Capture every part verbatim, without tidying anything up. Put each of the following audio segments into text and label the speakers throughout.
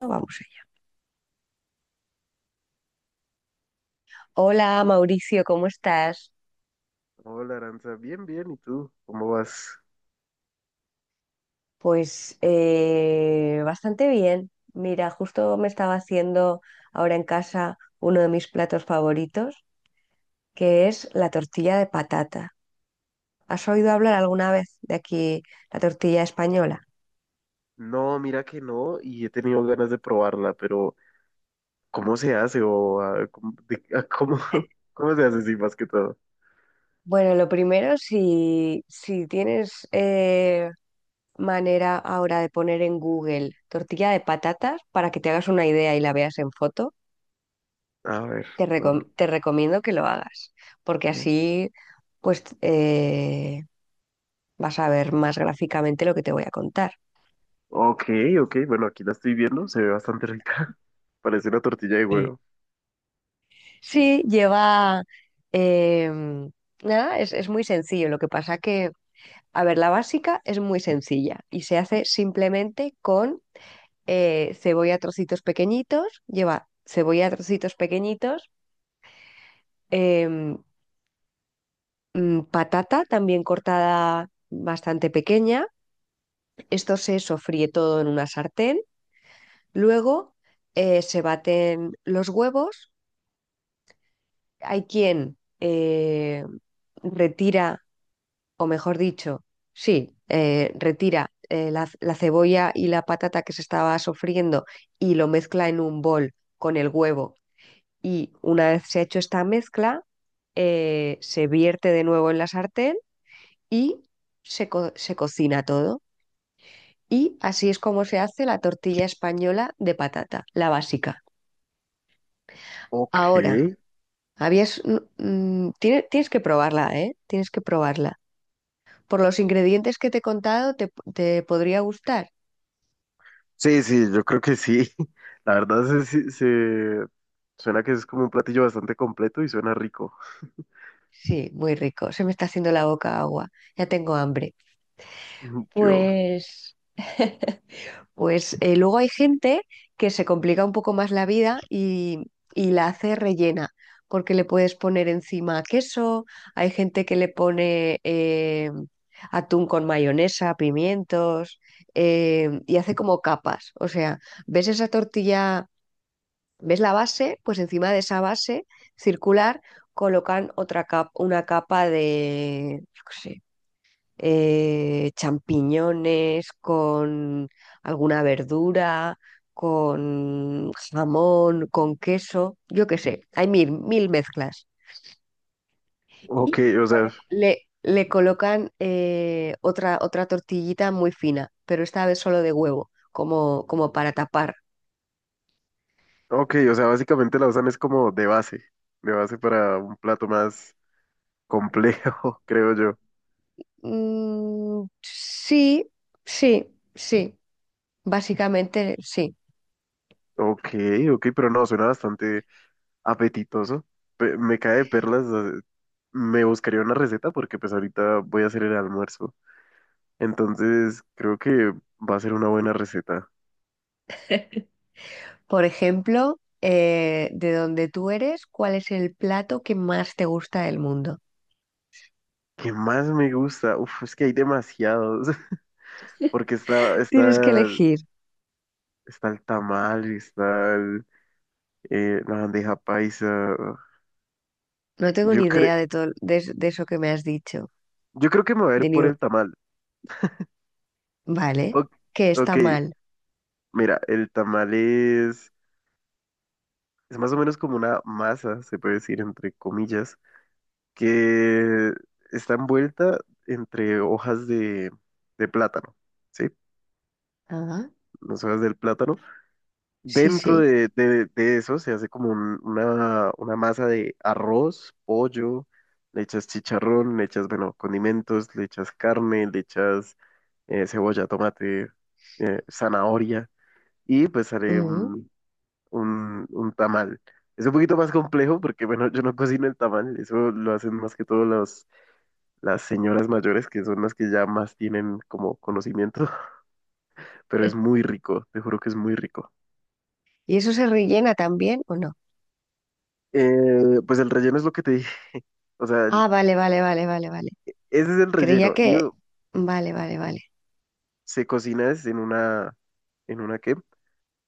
Speaker 1: Vamos allá. Hola Mauricio, ¿cómo estás?
Speaker 2: Hola, Aranza, bien, bien, ¿y tú? ¿Cómo vas?
Speaker 1: Pues eh, bastante bien. Mira, justo me estaba haciendo ahora en casa uno de mis platos favoritos, que es la tortilla de patata. ¿Has oído hablar alguna vez de aquí la tortilla española?
Speaker 2: No, mira que no, y he tenido ganas de probarla, pero ¿cómo se hace? O ah, ¿cómo, de- ah, cómo, cómo se hace, sí, más que todo?
Speaker 1: Bueno, lo primero, si, si tienes eh, manera ahora de poner en Google tortilla de patatas para que te hagas una idea y la veas en foto.
Speaker 2: A ver,
Speaker 1: Te
Speaker 2: tor-
Speaker 1: recom- te recomiendo que lo hagas, porque así pues eh, vas a ver más gráficamente lo que te voy a contar.
Speaker 2: ok, ok, bueno, aquí la estoy viendo, se ve bastante rica. Parece una tortilla de
Speaker 1: Sí.
Speaker 2: huevo.
Speaker 1: Sí, lleva em, nada, es, es muy sencillo. Lo que pasa que, a ver, la básica es muy sencilla y se hace simplemente con eh, cebolla a trocitos pequeñitos, lleva cebolla a trocitos pequeñitos, em, mm, patata también cortada bastante pequeña. Esto se sofríe todo en una sartén. Luego eh, se baten los huevos. Hay quien eh, retira, o mejor dicho, sí, eh, retira eh, la, la cebolla y la patata que se estaba sofriendo y lo mezcla en un bol con el huevo. Y una vez se ha hecho esta mezcla, eh, se vierte de nuevo en la sartén y se, co- se cocina todo. Y así es como se hace la tortilla española de patata, la básica.
Speaker 2: Ok,
Speaker 1: Ahora. Habías, mm, mm, tiene- Tienes que probarla, ¿eh? Tienes que probarla. Por los ingredientes que te he contado, te, te podría gustar.
Speaker 2: sí, sí, yo creo que sí. La verdad se, se, se- suena que es como un platillo bastante completo y suena rico.
Speaker 1: Sí, muy rico. Se me está haciendo la boca agua. Ya tengo hambre.
Speaker 2: Yo,
Speaker 1: Pues Pues eh, luego hay gente que se complica un poco más la vida y, y la hace rellena, porque le puedes poner encima queso, hay gente que le pone eh, atún con mayonesa, pimientos, eh, y hace como capas. O sea, ves esa tortilla, ves la base, pues encima de esa base circular colocan otra capa, una capa de, yo qué sé, eh, champiñones, con alguna verdura, con jamón, con queso, yo qué sé, hay mil, mil mezclas.
Speaker 2: ok,
Speaker 1: Y
Speaker 2: o sea,
Speaker 1: le, le colocan eh, otra, otra tortillita muy fina, pero esta vez solo de huevo, como, como para tapar.
Speaker 2: ok, o sea, básicamente la usan es como de base, de base para un plato más complejo, creo yo.
Speaker 1: Mm, sí, sí, sí, básicamente sí.
Speaker 2: Ok, ok, pero no, suena bastante apetitoso. Pe- me cae de perlas, eh, me buscaría una receta porque pues ahorita voy a hacer el almuerzo. Entonces, creo que va a ser una buena receta.
Speaker 1: Por ejemplo, eh, de donde tú eres, ¿cuál es el plato que más te gusta del mundo?
Speaker 2: ¿Qué más me gusta? Uf, es que hay demasiados, porque está,
Speaker 1: Tienes que
Speaker 2: está,
Speaker 1: elegir.
Speaker 2: está el tamal, está el, eh, la bandeja paisa.
Speaker 1: No tengo
Speaker 2: Yo
Speaker 1: ni
Speaker 2: creo...
Speaker 1: idea de todo de, es- de eso que me has dicho.
Speaker 2: Yo creo que me voy a
Speaker 1: De
Speaker 2: ir
Speaker 1: ni-
Speaker 2: por el tamal.
Speaker 1: Vale,
Speaker 2: O-
Speaker 1: que está
Speaker 2: ok,
Speaker 1: mal.
Speaker 2: mira, el tamal es, es más o menos como una masa, se puede decir, entre comillas, que está envuelta entre hojas de, de plátano, ¿sí?
Speaker 1: Ah,
Speaker 2: Las hojas del plátano.
Speaker 1: sí,
Speaker 2: Dentro
Speaker 1: sí.
Speaker 2: de, de- de eso se hace como un- una, una masa de arroz, pollo, le echas chicharrón, le echas, bueno, condimentos, le echas carne, le echas eh, cebolla, tomate, eh, zanahoria. Y pues haré
Speaker 1: Ujú.
Speaker 2: un, un, un tamal. Es un poquito más complejo porque, bueno, yo no cocino el tamal, eso lo hacen más que todo los, las señoras mayores, que son las que ya más tienen como conocimiento, pero es muy rico, te juro que es muy rico.
Speaker 1: ¿Y eso se rellena también o no?
Speaker 2: Eh, pues el relleno es lo que te dije, o sea, el-
Speaker 1: Ah, vale, vale, vale, vale, vale.
Speaker 2: ese es el
Speaker 1: Creía
Speaker 2: relleno y
Speaker 1: que...
Speaker 2: uh,
Speaker 1: Vale, vale, vale.
Speaker 2: se cocina es en una, ¿en una qué?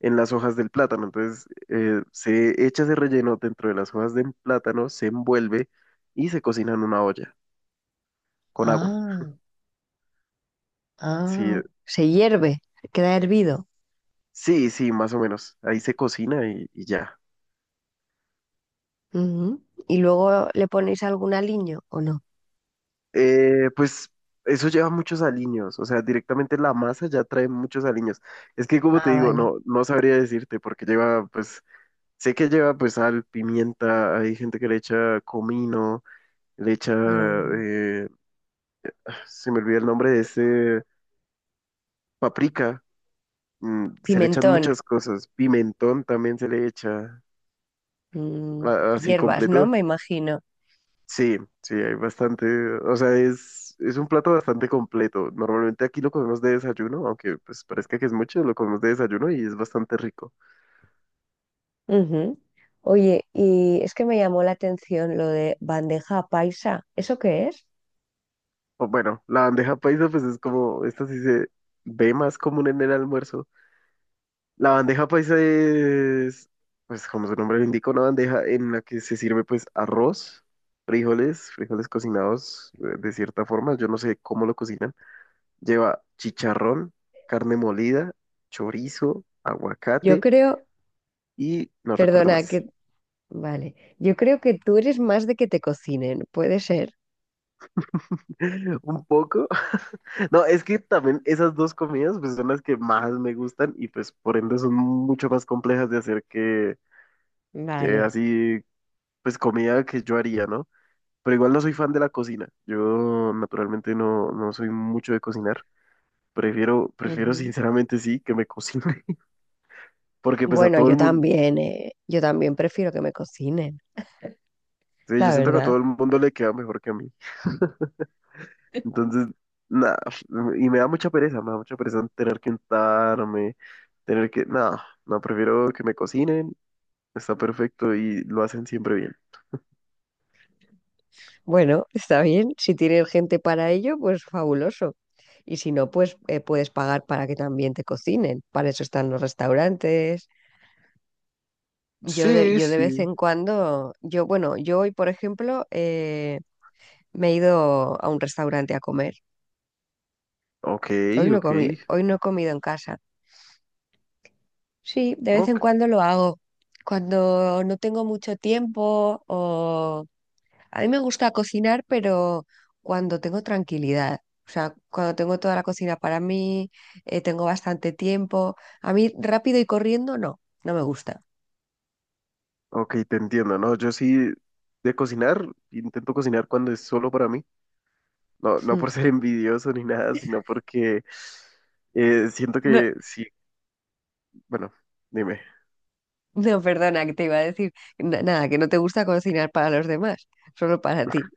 Speaker 2: En las hojas del plátano, entonces eh, se echa ese relleno dentro de las hojas del plátano, se envuelve y se cocina en una olla con agua.
Speaker 1: Ah,
Speaker 2: Sí,
Speaker 1: ah. Se hierve, queda hervido.
Speaker 2: sí, sí, más o menos. Ahí se cocina y, y ya.
Speaker 1: Ujú. ¿Y luego le ponéis algún aliño o no?
Speaker 2: Eh, pues eso lleva muchos aliños, o sea, directamente la masa ya trae muchos aliños. Es que como te
Speaker 1: Ah,
Speaker 2: digo,
Speaker 1: vale.
Speaker 2: no, no sabría decirte porque lleva, pues, sé que lleva pues sal, pimienta, hay gente que le echa comino, le echa,
Speaker 1: Mm.
Speaker 2: eh, se me olvida el nombre de ese, paprika, mm, se le echan
Speaker 1: Pimentón,
Speaker 2: muchas cosas, pimentón también se le echa,
Speaker 1: mm,
Speaker 2: a- así
Speaker 1: hierbas, ¿no?
Speaker 2: completo.
Speaker 1: Me imagino.
Speaker 2: Sí, sí, hay bastante, o sea, es, es un plato bastante completo. Normalmente aquí lo comemos de desayuno, aunque pues parezca que es mucho, lo comemos de desayuno y es bastante rico.
Speaker 1: Ujú. Oye, y es que me llamó la atención lo de bandeja paisa. ¿Eso qué es?
Speaker 2: O bueno, la bandeja paisa pues es como, esta sí se ve más común en el almuerzo. La bandeja paisa es, pues como su nombre lo indica, una bandeja en la que se sirve pues arroz, frijoles, frijoles cocinados eh, de cierta forma, yo no sé cómo lo cocinan. Lleva chicharrón, carne molida, chorizo,
Speaker 1: Yo
Speaker 2: aguacate
Speaker 1: creo,
Speaker 2: y no recuerdo
Speaker 1: perdona, que...
Speaker 2: más.
Speaker 1: Vale, yo creo que tú eres más de que te cocinen, puede ser.
Speaker 2: Un poco. No, es que también esas dos comidas pues, son las que más me gustan y pues por ende son mucho más complejas de hacer que, que
Speaker 1: Vale.
Speaker 2: así, pues comida que yo haría, ¿no? Pero igual no soy fan de la cocina. Yo naturalmente no, no soy mucho de cocinar. Prefiero, prefiero
Speaker 1: Ujú.
Speaker 2: sinceramente sí que me cocine, porque pues a
Speaker 1: Bueno,
Speaker 2: todo el
Speaker 1: yo
Speaker 2: mundo,
Speaker 1: también, eh, yo también prefiero que me cocinen,
Speaker 2: sí, yo
Speaker 1: la
Speaker 2: siento que a
Speaker 1: verdad.
Speaker 2: todo el mundo le queda mejor que a mí. Entonces, nada, y me da mucha pereza, me da mucha pereza tener que untarme, tener que, nada, no, prefiero que me cocinen, está perfecto y lo hacen siempre bien.
Speaker 1: Bueno, está bien. Si tienes gente para ello, pues fabuloso. Y si no, pues eh, puedes pagar para que también te cocinen. Para eso están los restaurantes. Yo de,
Speaker 2: Sí,
Speaker 1: yo de vez
Speaker 2: sí.
Speaker 1: en cuando, yo, bueno, yo hoy, por ejemplo, eh, me he ido a un restaurante a comer.
Speaker 2: Ok,
Speaker 1: Hoy no he
Speaker 2: ok,
Speaker 1: comido, hoy no he comido en casa. Sí, de vez en
Speaker 2: ok,
Speaker 1: cuando lo hago. Cuando no tengo mucho tiempo o a mí me gusta cocinar, pero cuando tengo tranquilidad, o sea, cuando tengo toda la cocina para mí, eh, tengo bastante tiempo. A mí rápido y corriendo, no, no me gusta.
Speaker 2: ok, te entiendo, ¿no? Yo sí de cocinar, intento cocinar cuando es solo para mí, no, no
Speaker 1: Mm.
Speaker 2: por ser envidioso ni nada, sino porque eh, siento
Speaker 1: No,
Speaker 2: que sí, bueno, dime.
Speaker 1: no, perdona, que te iba a decir na- nada, que no te gusta cocinar para los demás, solo para ti.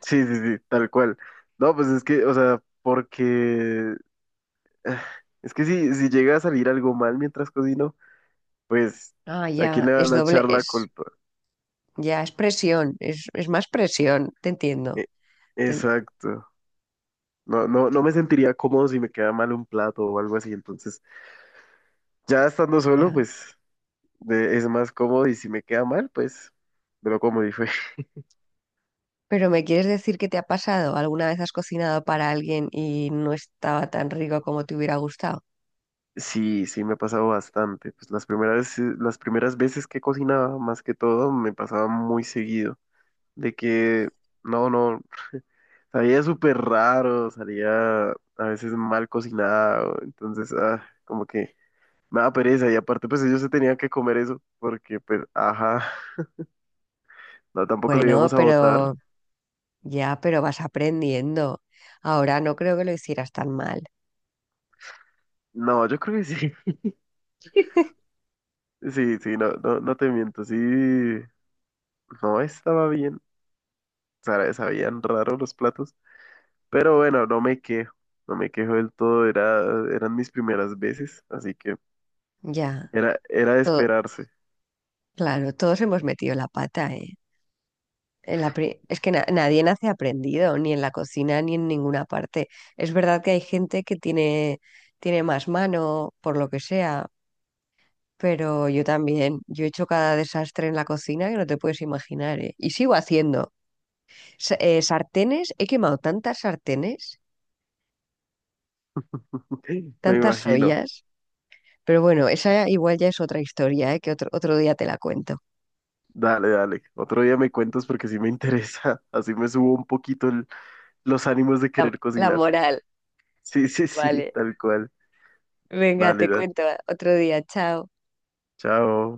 Speaker 2: Sí, sí, sí, tal cual. No, pues es que, o sea, porque ah, es que si, si llega a salir algo mal mientras cocino, pues
Speaker 1: Ah,
Speaker 2: ¿a quién
Speaker 1: ya,
Speaker 2: le
Speaker 1: es
Speaker 2: van a
Speaker 1: doble,
Speaker 2: echar la
Speaker 1: es,
Speaker 2: culpa?
Speaker 1: ya es presión, es, es más presión, te entiendo.
Speaker 2: E-
Speaker 1: Te-
Speaker 2: exacto. No, no, no me sentiría cómodo si me queda mal un plato o algo así. Entonces, ya estando solo,
Speaker 1: ya.
Speaker 2: pues de- es más cómodo y si me queda mal, pues me lo como y fue.
Speaker 1: Pero ¿me quieres decir qué te ha pasado? ¿Alguna vez has cocinado para alguien y no estaba tan rico como te hubiera gustado?
Speaker 2: Sí, sí, me ha pasado bastante. Pues las primeras, eh, las primeras veces que cocinaba, más que todo, me pasaba muy seguido de que no, no. Sabía súper raro, salía a veces mal cocinado, entonces, ah, como que me da pereza y aparte pues ellos se tenían que comer eso porque pues, ajá, no, tampoco lo
Speaker 1: Bueno,
Speaker 2: íbamos a
Speaker 1: pero
Speaker 2: votar.
Speaker 1: ya, pero vas aprendiendo. Ahora no creo que lo hicieras tan mal.
Speaker 2: No, yo creo que sí, sí, sí, no, no, no te miento, sí, no estaba bien, o sea, sabían raro los platos, pero bueno, no me quejo, no me quejo del todo, era, eran mis primeras veces, así que
Speaker 1: Ya,
Speaker 2: era, era de
Speaker 1: todo,
Speaker 2: esperarse,
Speaker 1: claro, todos hemos metido la pata, ¿eh? En la pri- es que na- nadie nace aprendido, ni en la cocina, ni en ninguna parte. Es verdad que hay gente que tiene, tiene más mano, por lo que sea, pero yo también. Yo he hecho cada desastre en la cocina que no te puedes imaginar, ¿eh? Y sigo haciendo. Sa- eh, sartenes, he quemado tantas sartenes,
Speaker 2: me
Speaker 1: tantas
Speaker 2: imagino.
Speaker 1: ollas. Pero bueno, esa igual ya es otra historia, ¿eh? Que otro, otro día te la cuento.
Speaker 2: Dale, dale. Otro día me cuentas porque sí me interesa. Así me subo un poquito el- los ánimos de
Speaker 1: La,
Speaker 2: querer
Speaker 1: la
Speaker 2: cocinar.
Speaker 1: moral,
Speaker 2: Sí, sí, sí,
Speaker 1: vale.
Speaker 2: tal cual.
Speaker 1: Venga,
Speaker 2: Dale,
Speaker 1: te
Speaker 2: dale.
Speaker 1: cuento otro día. Chao.
Speaker 2: Chao.